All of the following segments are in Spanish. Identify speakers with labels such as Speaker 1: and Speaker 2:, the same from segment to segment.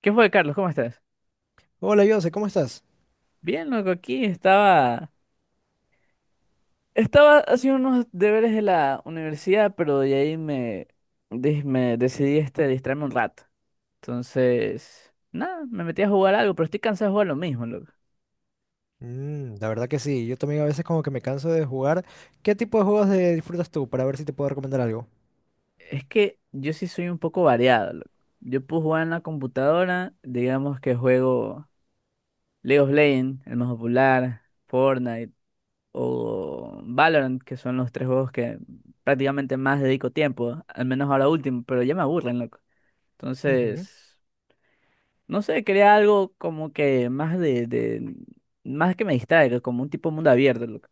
Speaker 1: ¿Qué fue, Carlos? ¿Cómo estás?
Speaker 2: Hola, Jose, ¿cómo estás?
Speaker 1: Bien, loco, aquí estaba. Estaba haciendo unos deberes de la universidad, pero de ahí me decidí distraerme un rato. Entonces, nada, me metí a jugar algo, pero estoy cansado de jugar lo mismo, loco.
Speaker 2: La verdad que sí, yo también a veces como que me canso de jugar. ¿Qué tipo de juegos disfrutas tú para ver si te puedo recomendar algo?
Speaker 1: Es que yo sí soy un poco variado, loco. Yo puedo jugar en la computadora, digamos que juego League of Legends, el más popular, Fortnite o Valorant, que son los tres juegos que prácticamente más dedico tiempo, al menos ahora último, pero ya me aburren, loco.
Speaker 2: Ujú.
Speaker 1: Entonces, no sé, quería algo como que más más que me distraiga, como un tipo mundo abierto, loco.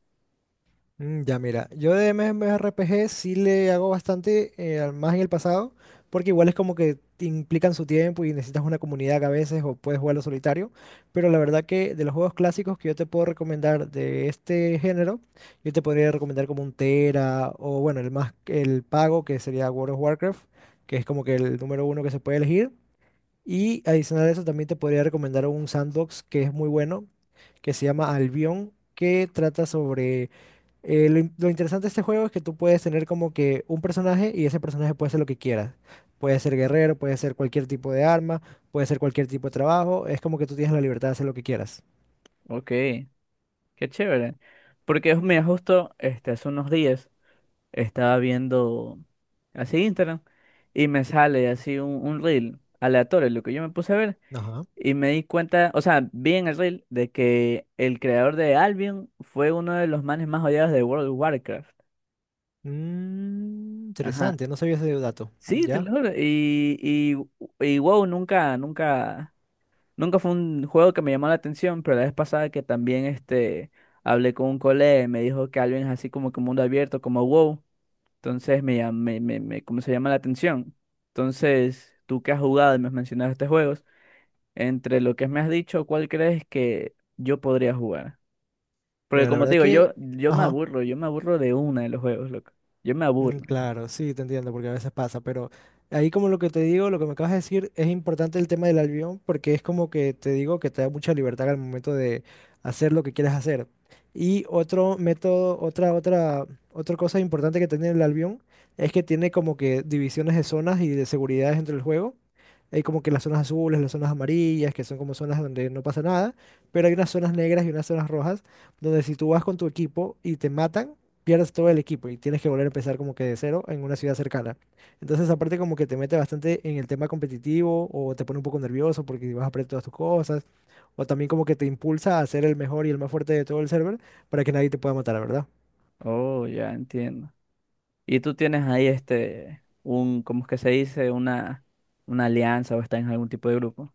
Speaker 2: Ya mira, yo de MMORPG sí le hago bastante, más en el pasado, porque igual es como que te implican su tiempo y necesitas una comunidad que a veces o puedes jugarlo solitario, pero la verdad que de los juegos clásicos que yo te puedo recomendar de este género, yo te podría recomendar como un Tera o bueno, el más, el pago que sería World of Warcraft, que es como que el número uno que se puede elegir, y adicional a eso también te podría recomendar un sandbox que es muy bueno, que se llama Albion, que trata sobre lo interesante de este juego es que tú puedes tener como que un personaje y ese personaje puede ser lo que quieras. Puede ser guerrero, puede ser cualquier tipo de arma, puede ser cualquier tipo de trabajo. Es como que tú tienes la libertad de hacer lo que quieras.
Speaker 1: Ok, qué chévere. Porque mira, justo hace unos días estaba viendo así Instagram y me sale así un reel aleatorio, lo que yo me puse a ver.
Speaker 2: Ajá.
Speaker 1: Y me di cuenta, o sea, vi en el reel de que el creador de Albion fue uno de los manes más odiados de World of Warcraft. Ajá.
Speaker 2: Interesante, no sabía ese dato.
Speaker 1: Sí, te
Speaker 2: ¿Ya?
Speaker 1: lo juro. Y wow, nunca, nunca, nunca fue un juego que me llamó la atención, pero la vez pasada que también hablé con un colega y me dijo que alguien es así como que mundo abierto, como wow, entonces me, llam- me- como se llama la atención. Entonces, tú que has jugado y me has mencionado estos juegos, entre lo que me has dicho, ¿cuál crees que yo podría jugar? Porque
Speaker 2: Mira, la
Speaker 1: como te
Speaker 2: verdad
Speaker 1: digo,
Speaker 2: que...
Speaker 1: yo me
Speaker 2: Ajá.
Speaker 1: aburro, yo me aburro de una de los juegos, loco. Yo me aburro.
Speaker 2: Claro, sí, te entiendo, porque a veces pasa, pero ahí como lo que te digo, lo que me acabas de decir, es importante el tema del albión, porque es como que te digo que te da mucha libertad al momento de hacer lo que quieres hacer. Y otro método, otra cosa importante que tiene el albión es que tiene como que divisiones de zonas y de seguridades entre el juego. Hay como que las zonas azules, las zonas amarillas, que son como zonas donde no pasa nada, pero hay unas zonas negras y unas zonas rojas, donde si tú vas con tu equipo y te matan, pierdes todo el equipo y tienes que volver a empezar como que de cero en una ciudad cercana. Entonces, aparte como que te mete bastante en el tema competitivo o te pone un poco nervioso porque vas a perder todas tus cosas o también como que te impulsa a ser el mejor y el más fuerte de todo el server para que nadie te pueda matar, ¿verdad?
Speaker 1: Oh, ya entiendo. Y tú tienes ahí un, ¿cómo es que se dice? Una alianza o estás en algún tipo de grupo.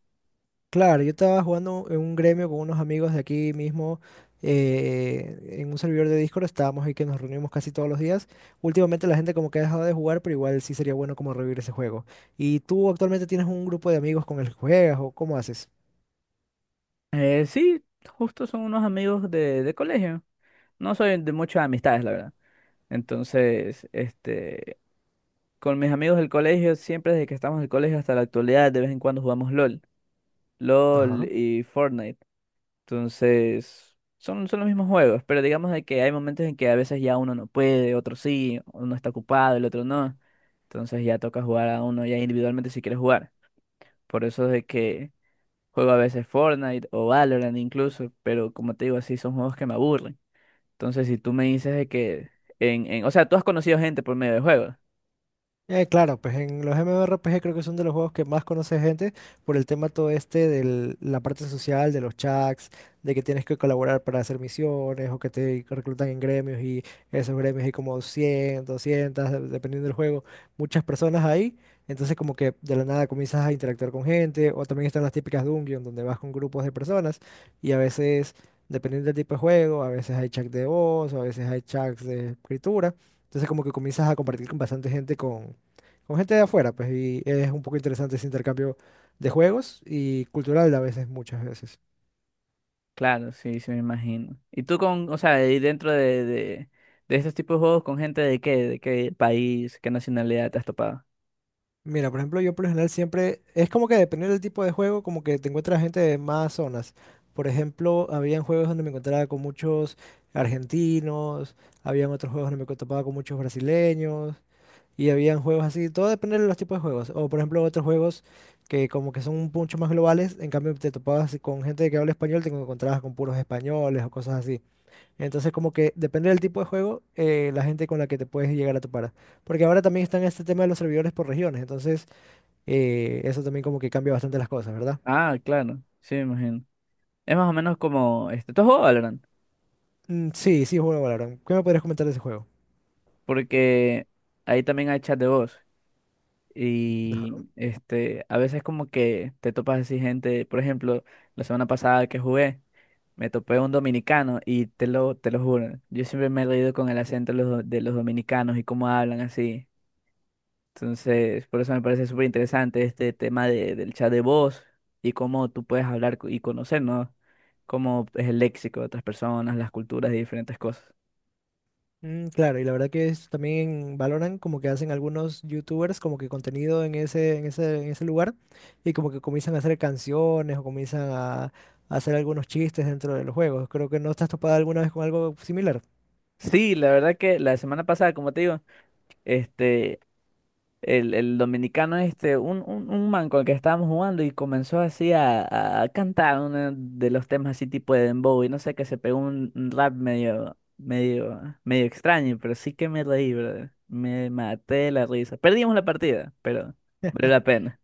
Speaker 2: Claro, yo estaba jugando en un gremio con unos amigos de aquí mismo en un servidor de Discord, estábamos ahí que nos reunimos casi todos los días. Últimamente la gente como que ha dejado de jugar, pero igual sí sería bueno como revivir ese juego. ¿Y tú actualmente tienes un grupo de amigos con el que juegas o cómo haces?
Speaker 1: Sí, justo son unos amigos de colegio. No soy de muchas amistades, la verdad. Entonces, este, con mis amigos del colegio, siempre desde que estamos en el colegio hasta la actualidad, de vez en cuando jugamos LOL, LOL
Speaker 2: Ajá.
Speaker 1: y Fortnite. Entonces, son los mismos juegos, pero digamos de que hay momentos en que a veces ya uno no puede, otro sí, uno está ocupado, el otro no. Entonces ya toca jugar a uno ya individualmente si quiere jugar. Por eso es de que juego a veces Fortnite o Valorant incluso, pero como te digo, así son juegos que me aburren. Entonces, si tú me dices de que en, o sea, tú has conocido gente por medio de juegos.
Speaker 2: Claro, pues en los MMORPG creo que son de los juegos que más conoce gente por el tema todo este de la parte social, de los chats, de que tienes que colaborar para hacer misiones o que te reclutan en gremios y esos gremios hay como 100, 200 de- dependiendo del juego, muchas personas ahí. Entonces como que de la nada comienzas a interactuar con gente o también están las típicas dungeons donde vas con grupos de personas y a veces, dependiendo del tipo de juego, a veces hay chats de voz o a veces hay chats de escritura. Entonces como que comienzas a compartir con bastante gente con gente de afuera, pues, y es un poco interesante ese intercambio de juegos y cultural a veces, muchas veces.
Speaker 1: Claro, sí, sí me imagino. Y tú con, o sea, y dentro de estos tipos de juegos con gente de qué país, qué nacionalidad te has topado.
Speaker 2: Mira, por ejemplo, yo por lo general siempre, es como que dependiendo del tipo de juego, como que te encuentras gente de más zonas. Por ejemplo, habían juegos donde me encontraba con muchos argentinos, habían otros juegos donde me topaba con muchos brasileños, y habían juegos así, todo depende de los tipos de juegos. O por ejemplo, otros juegos que como que son un mucho más globales, en cambio te topabas con gente que habla español, te encontrabas con puros españoles o cosas así. Entonces, como que depende del tipo de juego, la gente con la que te puedes llegar a topar. Porque ahora también está en este tema de los servidores por regiones, entonces eso también como que cambia bastante las cosas, ¿verdad?
Speaker 1: Ah, claro, sí, me imagino. Es más o menos como tú has jugado Valorant,
Speaker 2: Sí, sí, juego Valorant. ¿Qué me podrías comentar de ese juego?
Speaker 1: porque ahí también hay chat de voz y a veces como que te topas así gente, por ejemplo, la semana pasada que jugué, me topé un dominicano y te lo juro, yo siempre me he reído con el acento de de los dominicanos y cómo hablan así. Entonces, por eso me parece súper interesante este tema del chat de voz y cómo tú puedes hablar y conocer, ¿no? Cómo es el léxico de otras personas, las culturas y diferentes cosas.
Speaker 2: Claro, y la verdad que es, también valoran como que hacen algunos youtubers como que contenido en ese lugar y como que comienzan a hacer canciones o comienzan a hacer algunos chistes dentro de los juegos. Creo que no estás topada alguna vez con algo similar.
Speaker 1: Sí, la verdad que la semana pasada, como te digo, este, el dominicano este, un man con el que estábamos jugando y comenzó así a cantar uno de los temas así tipo de dembow y no sé, que se pegó un rap medio, medio, medio extraño, pero sí que me reí, brother. Me maté de la risa. Perdimos la partida, pero valió la pena.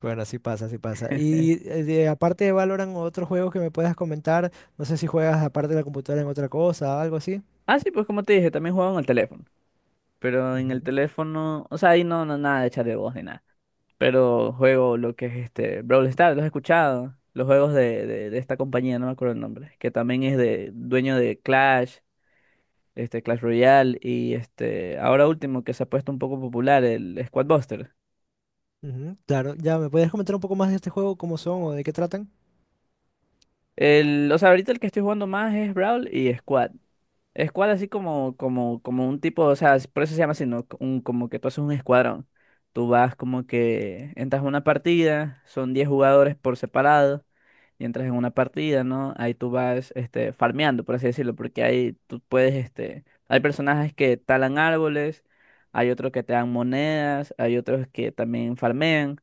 Speaker 2: Bueno, así pasa, así pasa. Y aparte de Valorant, otros juegos que me puedas comentar, no sé si juegas aparte de la computadora en otra cosa, algo así.
Speaker 1: Ah, sí, pues como te dije, también jugaba en el teléfono, pero en el
Speaker 2: Ujú,
Speaker 1: teléfono, o sea, ahí no, no, nada de chat de voz ni nada, pero juego lo que es este Brawl Stars, ¿lo has escuchado? Los juegos de esta compañía, no me acuerdo el nombre, que también es de dueño de Clash, este Clash Royale y este ahora último que se ha puesto un poco popular, el Squad Buster.
Speaker 2: Claro, ya, ¿me podrías comentar un poco más de este juego, cómo son o de qué tratan?
Speaker 1: El, o sea, ahorita el que estoy jugando más es Brawl y Squad. Squad así como un tipo, o sea, por eso se llama así, ¿no? Como que tú haces un escuadrón. Tú vas como que entras a una partida, son 10 jugadores por separado y entras en una partida, ¿no? Ahí tú vas, farmeando, por así decirlo, porque ahí tú puedes, hay personajes que talan árboles, hay otros que te dan monedas, hay otros que también farmean,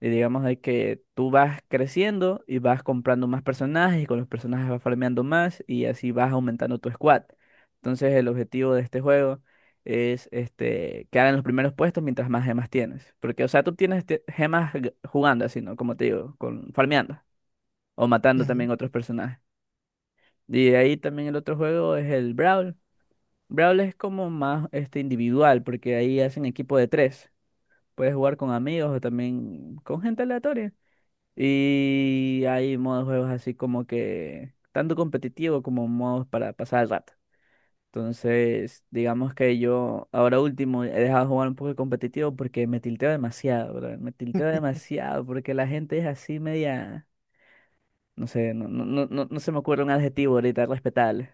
Speaker 1: y digamos de que tú vas creciendo y vas comprando más personajes, y con los personajes vas farmeando más, y así vas aumentando tu squad. Entonces el objetivo de este juego es quedar en los primeros puestos mientras más gemas tienes. Porque, o sea, tú tienes gemas jugando así, ¿no? Como te digo, con, farmeando. O matando
Speaker 2: Ujú.
Speaker 1: también otros personajes. Y de ahí también el otro juego es el Brawl. Brawl es como más individual, porque ahí hacen equipo de tres. Puedes jugar con amigos o también con gente aleatoria. Y hay modos de juegos así como que tanto competitivo como modos para pasar el rato. Entonces, digamos que yo ahora último he dejado de jugar un poco de competitivo porque me tilteo demasiado, brother. Me tilteo demasiado porque la gente es así media. No sé, no, no, no, no no se me ocurre un adjetivo ahorita respetable,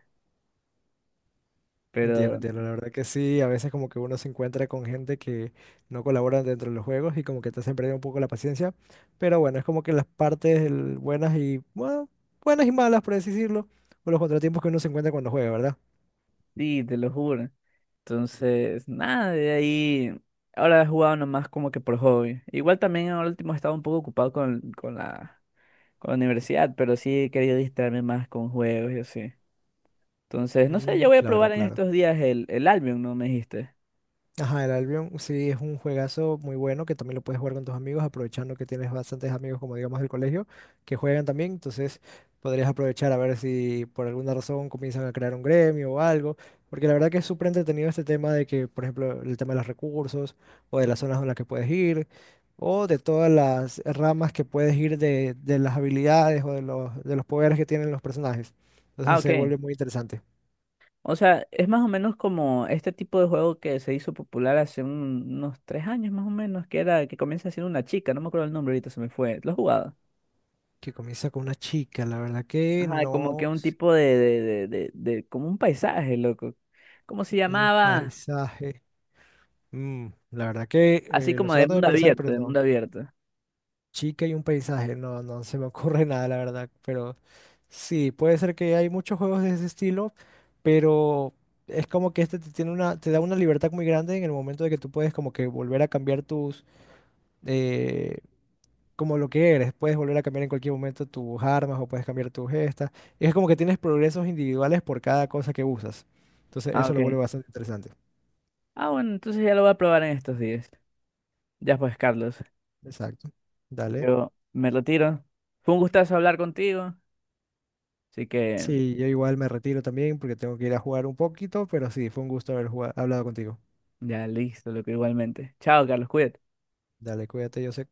Speaker 2: Entiendo,
Speaker 1: pero
Speaker 2: entiendo, la verdad que sí, a veces como que uno se encuentra con gente que no colabora dentro de los juegos y como que te hacen perder un poco la paciencia, pero bueno, es como que las partes buenas y, bueno, buenas y malas, por así decirlo, o los contratiempos que uno se encuentra cuando juega, ¿verdad?
Speaker 1: sí, te lo juro. Entonces, nada, de ahí. Ahora he jugado nomás como que por hobby. Igual también ahora último he estado un poco ocupado con la universidad, pero sí he querido distraerme más con juegos y así. Entonces, no sé, yo voy a
Speaker 2: Claro,
Speaker 1: probar en
Speaker 2: claro.
Speaker 1: estos días el Albion, ¿no? Me dijiste.
Speaker 2: Ajá, el Albion sí es un juegazo muy bueno que también lo puedes jugar con tus amigos, aprovechando que tienes bastantes amigos, como digamos del colegio, que juegan también. Entonces podrías aprovechar a ver si por alguna razón comienzan a crear un gremio o algo. Porque la verdad que es súper entretenido este tema de que, por ejemplo, el tema de los recursos o de las zonas en las que puedes ir o de todas las ramas que puedes ir de las habilidades o de los poderes que tienen los personajes.
Speaker 1: Ah,
Speaker 2: Entonces se
Speaker 1: ok.
Speaker 2: vuelve muy interesante.
Speaker 1: O sea, es más o menos como este tipo de juego que se hizo popular hace unos 3 años más o menos, que era que comienza siendo una chica, no me acuerdo el nombre ahorita, se me fue. ¿Lo has jugado?
Speaker 2: Que comienza con una chica, la verdad que
Speaker 1: Ajá, como que
Speaker 2: no.
Speaker 1: un tipo de como un paisaje, loco. ¿Cómo se
Speaker 2: Un
Speaker 1: llamaba?
Speaker 2: paisaje. Mm, la verdad que
Speaker 1: Así
Speaker 2: Los
Speaker 1: como de
Speaker 2: trato de
Speaker 1: mundo
Speaker 2: pensar,
Speaker 1: abierto,
Speaker 2: pero
Speaker 1: de
Speaker 2: no.
Speaker 1: mundo abierto.
Speaker 2: Chica y un paisaje. No, no se me ocurre nada, la verdad. Pero sí, puede ser que hay muchos juegos de ese estilo, pero es como que este te tiene una, te da una libertad muy grande en el momento de que tú puedes como que volver a cambiar tus, eh, como lo que eres. Puedes volver a cambiar en cualquier momento tus armas o puedes cambiar tus gestas. Y es como que tienes progresos individuales por cada cosa que usas. Entonces
Speaker 1: Ah,
Speaker 2: eso lo
Speaker 1: ok.
Speaker 2: vuelve bastante interesante.
Speaker 1: Ah, bueno, entonces ya lo voy a probar en estos días. Ya pues, Carlos,
Speaker 2: Exacto. Dale.
Speaker 1: yo me retiro. Fue un gustazo hablar contigo, así que
Speaker 2: Sí, yo igual me retiro también porque tengo que ir a jugar un poquito, pero sí, fue un gusto haber hablado contigo.
Speaker 1: ya listo, loco, igualmente. Chao, Carlos, cuídate.
Speaker 2: Dale, cuídate, Josep.